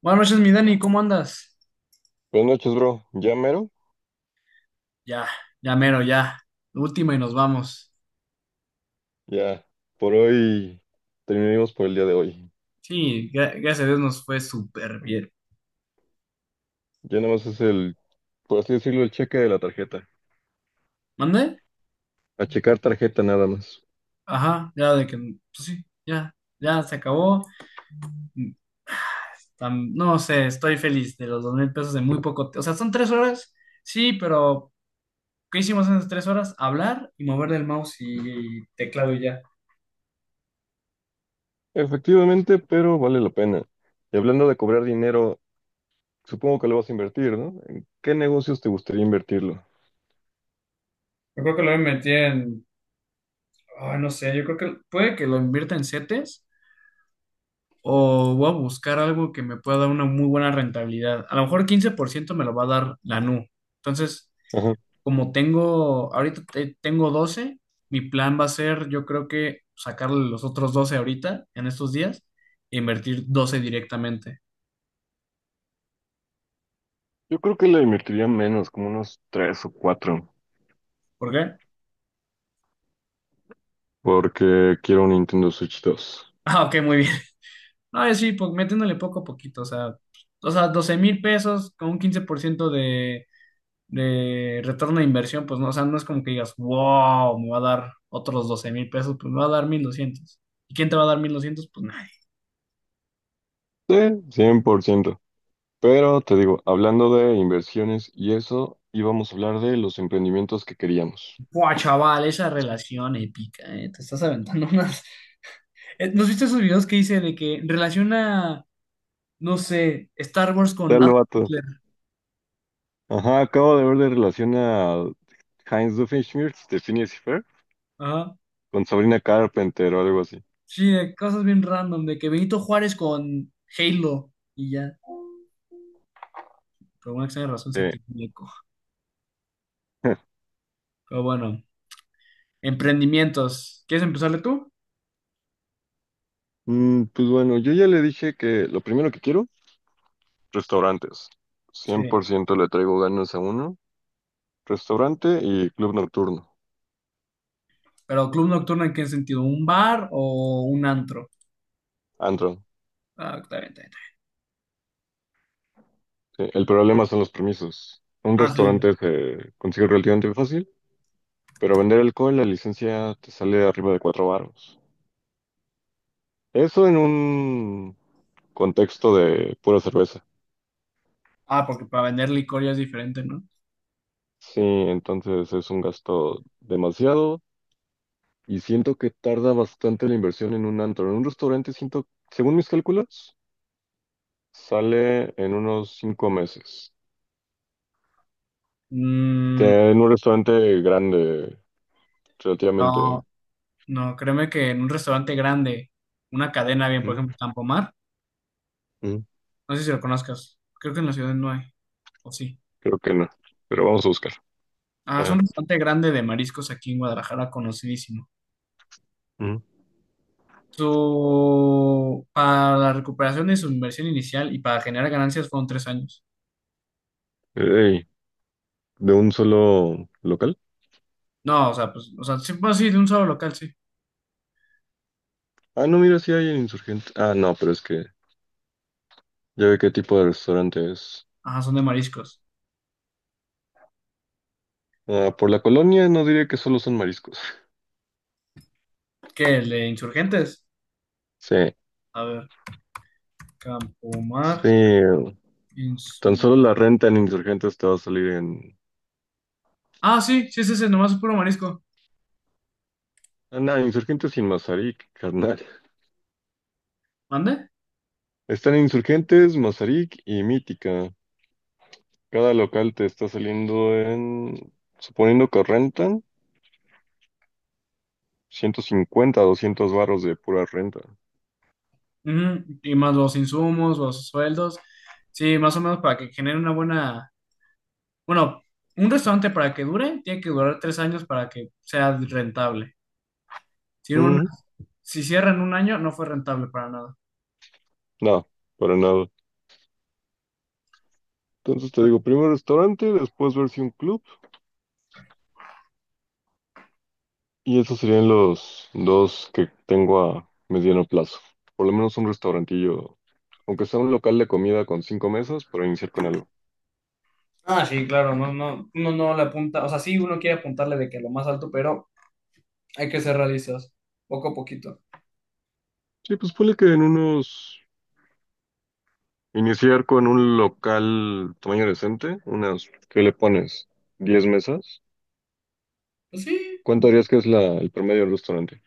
Buenas noches, mi Dani, ¿cómo andas? Buenas noches, bro. ¿Ya mero? Ya, ya mero, ya. Última y nos vamos. Ya. Por hoy terminamos por el día de hoy. Sí, gracias a Dios nos fue súper bien. Ya nada más es el, por así decirlo, el cheque de la tarjeta. ¿Mande? A checar tarjeta nada más. Ajá, ya de que, pues sí, ya, ya se acabó. No sé, estoy feliz de los $2,000 de muy poco. O sea, son 3 horas, sí, pero ¿qué hicimos en esas 3 horas? Hablar y mover el mouse y teclado y ya. Efectivamente, pero vale la pena. Y hablando de cobrar dinero, supongo que lo vas a invertir, ¿no? ¿En qué negocios te gustaría invertirlo? Yo creo que lo invertí en, ay, no sé, yo creo que puede que lo invierta en CETES o voy a buscar algo que me pueda dar una muy buena rentabilidad. A lo mejor 15% me lo va a dar la NU. Entonces, Ajá. como tengo, ahorita tengo 12. Mi plan va a ser, yo creo que sacarle los otros 12 ahorita, en estos días, e invertir 12 directamente. Yo creo que le invertiría menos, como unos tres o cuatro, ¿Por qué? porque quiero un Nintendo Switch 2. Ah, ok, muy bien. No, sí, pues metiéndole poco a poquito, o sea, $12,000 con un 15% de retorno de inversión, pues no, o sea, no es como que digas, wow, me va a dar otros $12,000, pues me va a dar 1,200. ¿Y quién te va a dar 1,200? Pues nadie. Sí, 100%. Pero te digo, hablando de inversiones y eso, íbamos a hablar de los emprendimientos que queríamos. Buah, chaval, esa relación épica, te estás aventando unas. ¿Nos viste esos videos que hice de que relaciona, no sé, Star Wars con Tal Adolf vato. Hitler? Ajá, acabo de ver de relación a Heinz Doofenshmirtz de Phineas y Ferb Ajá. con Sabrina Carpenter o algo así. Sí, de cosas bien random, de que Benito Juárez con Halo y ya. Por alguna extraña razón se Eh, activó un eco. Pero bueno, emprendimientos. ¿Quieres empezarle tú? Pues bueno, yo ya le dije que lo primero que quiero, restaurantes. Sí. 100% le traigo ganas a uno. Restaurante y club nocturno. Pero club nocturno en qué sentido, ¿un bar o un antro? Antro. Ah, está bien, está bien, Sí, el problema son los permisos. Un está bien. Ah, sí. restaurante se consigue relativamente fácil. Pero vender alcohol, la licencia te sale arriba de cuatro varos. Eso en un contexto de pura cerveza. Ah, porque para vender licor ya es diferente, ¿no? Sí, entonces es un gasto demasiado y siento que tarda bastante la inversión en un antro. En un restaurante siento, según mis cálculos, sale en unos cinco meses. Mm, Que en un restaurante grande, relativamente. no, no, créeme que en un restaurante grande, una cadena bien, por ¿Mm? ejemplo, Tampomar, ¿Mm? no sé si lo conozcas, creo que en la ciudad no hay, o sí. Creo que no. Pero vamos a buscar. Ah, es un Ajá. restaurante grande de mariscos aquí en Guadalajara, conocidísimo. ¿Mm? Para la recuperación de su inversión inicial y para generar ganancias fueron 3 años. Ey, ¿de un solo local? No, o sea, pues, o sea, sí, pues sí, de un solo local, sí. Ah, no, mira, sí hay en insurgentes. Ah, no, pero es que ya ve qué tipo de restaurante es. Ajá, son de mariscos. Ah, por la colonia no diría que solo son mariscos. ¿Qué? ¿El de Insurgentes? Sí, A ver, Campomar, sí. Tan Insu... solo la renta en Insurgentes te va a salir en... Ah, sí, sí, sí, sí, nomás es puro marisco. Ah, no, Insurgentes y Mazarik, carnal. ¿Mande? Están en Insurgentes, Mazarik y Mítica. Cada local te está saliendo en... Suponiendo que rentan, 150, 200 barros de pura renta. Ujú. Y más los insumos, los sueldos. Sí, más o menos para que genere una buena... Bueno, un restaurante para que dure, tiene que durar 3 años para que sea rentable. Si, Mm, si cierra en un año, no fue rentable para nada. no, para nada. Entonces te digo, primero restaurante, después ver si un club. Y esos serían los dos que tengo a mediano plazo. Por lo menos un restaurantillo, aunque sea un local de comida con 5 mesas, para iniciar con algo. Ah, sí, claro, no, no, uno no le apunta, o sea, sí, uno quiere apuntarle de que lo más alto, pero hay que ser realistas, poco a poquito. Sí, pues ponle que en unos... Iniciar con un local tamaño decente, unas... ¿Qué le pones? ¿10 mesas? Pues sí, ¿Cuánto harías que es el promedio del restaurante?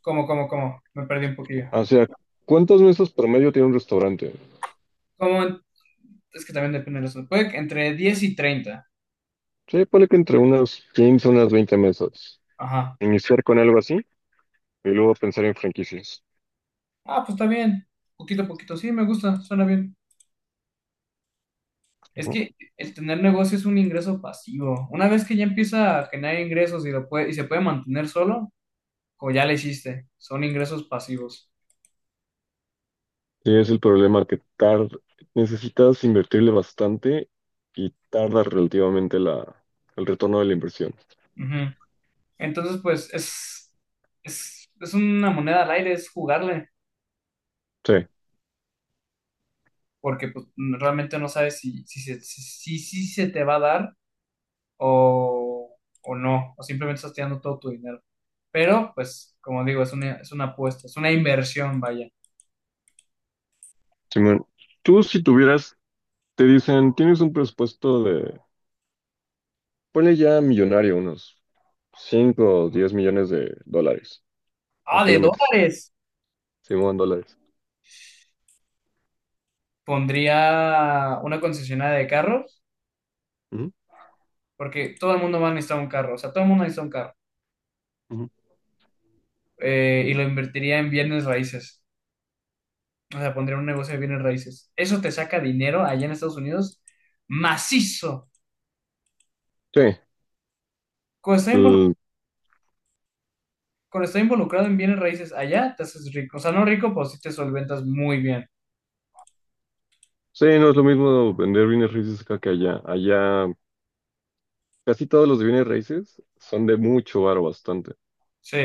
como, me perdí un poquillo. O sea, ¿cuántas mesas promedio tiene un restaurante? Como, es que también depende de la zona. Puede que entre 10 y 30. Sí, ponle que entre unas 15, unas 20 mesas. Ajá. Iniciar con algo así y luego pensar en franquicias. Ah, pues está bien. Poquito a poquito. Sí, me gusta, suena bien. Es que el tener negocio es un ingreso pasivo. Una vez que ya empieza a generar ingresos y se puede mantener solo, como ya le hiciste, son ingresos pasivos. Sí, es el problema que tarda, necesitas invertirle bastante y tarda relativamente el retorno de la inversión. Ujú. Entonces, pues es, es una moneda al aire, es jugarle, Sí, porque pues, realmente no sabes si se te va a dar o no, o simplemente estás tirando todo tu dinero. Pero, pues, como digo, es una apuesta, es una inversión, vaya. simón. Tú si tuvieras, te dicen, tienes un presupuesto de, ponle ya millonario, unos 5 o 10 millones de dólares. ¿A Ah, qué de le metes? dólares. Simón, dólares. Pondría una concesionaria de carros, Ujú, porque todo el mundo va a necesitar un carro, o sea, todo el mundo necesita un carro. ujú. Y lo invertiría en bienes raíces, o sea, pondría un negocio de bienes raíces. Eso te saca dinero allá en Estados Unidos macizo. Sí, Cuando estás involu- l- cuando estás involucrado en bienes raíces allá, te haces rico. O sea, no rico, pues sí te solventas muy bien. sí, no es lo mismo vender bienes raíces acá que allá. Allá casi todos los bienes raíces son de mucho varo, bastante. Sí,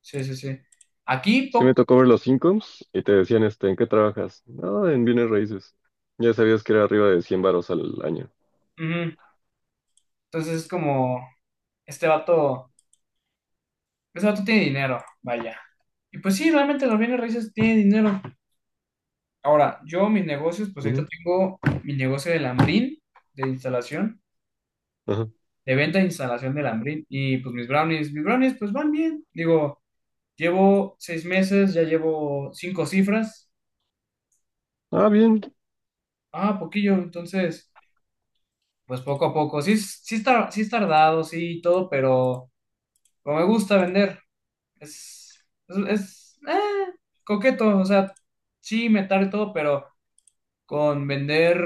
sí, sí, sí. Aquí, Sí me pop. tocó ver los incomes y te decían, este, ¿en qué trabajas? No, en bienes raíces. Ya sabías que era arriba de 100 varos al año. Ujú. Entonces es como, este vato, este vato tiene dinero, vaya. Y pues sí, realmente los bienes raíces tienen dinero. Ahora, yo mis negocios, pues ahorita Ujú, tengo mi negocio de lambrín, de instalación, ajá. de venta e instalación de lambrín. Y pues mis brownies, pues van bien. Digo, llevo 6 meses, ya llevo cinco cifras. Ah, bien. Ah, poquillo, entonces, pues poco a poco. Sí, sí, sí es tardado, sí, y todo, pero... Pero me gusta vender. Es, es coqueto, o sea, sí, metar y todo, pero con vender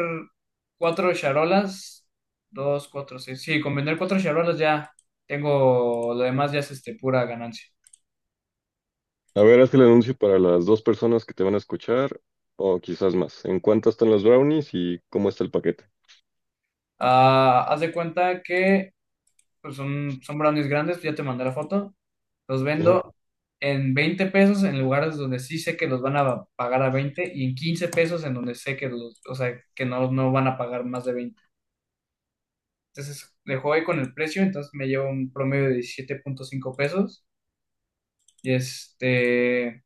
cuatro charolas, dos, cuatro, seis, sí, con vender cuatro charolas ya tengo, lo demás ya es este, pura ganancia. A ver, haz el anuncio para las dos personas que te van a escuchar, o quizás más. ¿En cuánto están los brownies y cómo está el paquete? Ah, haz de cuenta que pues son brownies grandes, ya te mandé la foto, los Ajá. vendo en $20 en lugares donde sí sé que los van a pagar a 20 y en $15 en donde sé que los, o sea, que no, no van a pagar más de 20. Entonces le jugué con el precio, entonces me llevo un promedio de $17.5. Y este,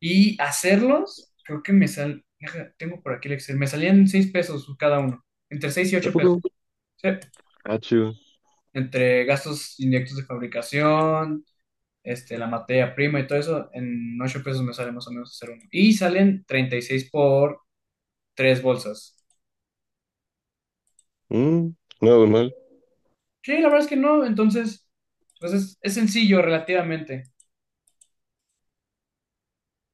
y hacerlos, creo que deja, tengo por aquí el Excel, me salían $6 cada uno, entre 6 y ¿A 8 pesos, poco? ¿sí? Ah, chido. Entre gastos indirectos de fabricación, este, la materia prima y todo eso, en $8 me sale más o menos hacer uno. Y salen 36 por 3 bolsas. Mm, nada mal. Sí, la verdad es que no, entonces, pues es, sencillo relativamente.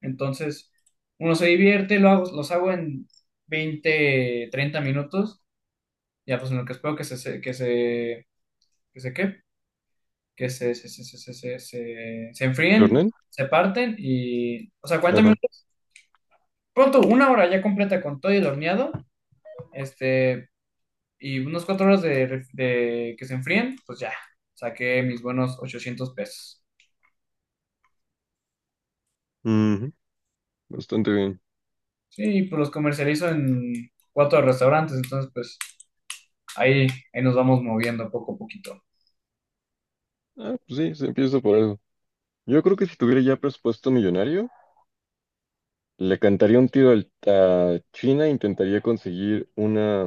Entonces, uno se divierte, lo hago, los hago en 20 30 minutos, ya pues en lo que espero que se, ¿qué? Que se enfríen, ¿Jornal? se parten y, o sea, 40 Ajá. minutos, pronto, una hora ya completa con todo y el horneado, este, y unos 4 horas de que se enfríen, pues ya, saqué mis buenos $800. Ujú, bastante bien. Sí, pues los comercializo en cuatro restaurantes, entonces pues ahí, ahí nos vamos moviendo poco a poquito. Ah, pues sí, se empieza por algo. Yo creo que si tuviera ya presupuesto millonario, le cantaría un tiro a China, intentaría conseguir una,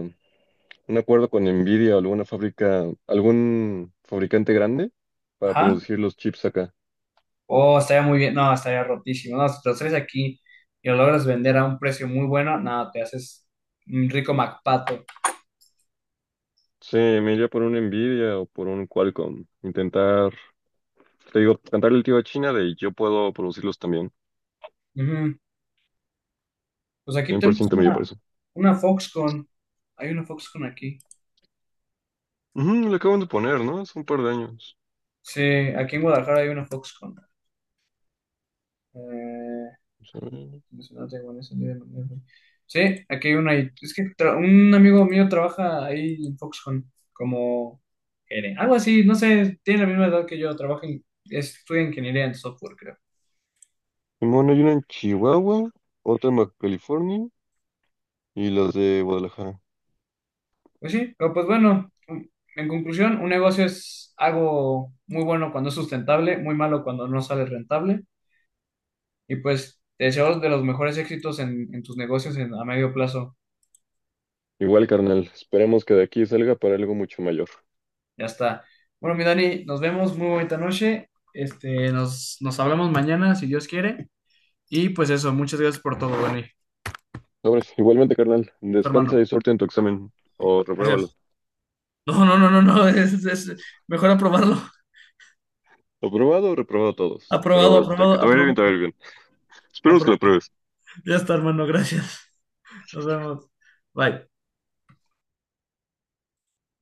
un acuerdo con Nvidia o alguna fábrica, algún fabricante grande para Ajá. producir los chips acá. Oh, estaría muy bien. No, estaría rotísimo. No, si te los traes aquí y lo logras vender a un precio muy bueno, no, te haces un rico MacPato. Sí, me iría por un Nvidia o por un Qualcomm. Intentar, te digo, cantarle el tiro a China de yo puedo producirlos también. Ujú. Pues aquí cien por tenemos ciento me iría por una, eso. una Foxconn. Hay una Foxconn aquí. Ujú, le acaban de poner, ¿no? Hace un par de años. Sí, aquí en Guadalajara hay una Foxconn. Eh, Vamos a ver. no tengo en ese día, no tengo. Sí, aquí hay una ahí. Es que un amigo mío trabaja ahí en Foxconn como gerente, algo así, no sé, tiene la misma edad que yo, estudia ingeniería en software, creo. Simón, hay una en Chihuahua, otra en Baja California y las de Guadalajara. Pues sí, pero pues bueno, en conclusión, un negocio es algo muy bueno cuando es sustentable, muy malo cuando no sale rentable. Y pues te deseo de los mejores éxitos en, tus negocios a medio plazo. Igual, carnal, esperemos que de aquí salga para algo mucho mayor. Ya está. Bueno, mi Dani, nos vemos, muy bonita noche. Este, nos hablamos mañana, si Dios quiere. Y pues eso, muchas gracias por todo, Dani. Sobres. Igualmente, carnal, Tu hermano. descansa y suerte en tu examen. O repruébalo. Gracias. No, no, no, no, no, es, mejor aprobarlo. Aprobado o reprobado todos. Aprobado, Pero aprobado, que te vaya bien, te aprobado, vaya bien. Esperemos que lo aprobado. pruebes. Ya está, hermano, gracias. Nos vemos. Bye.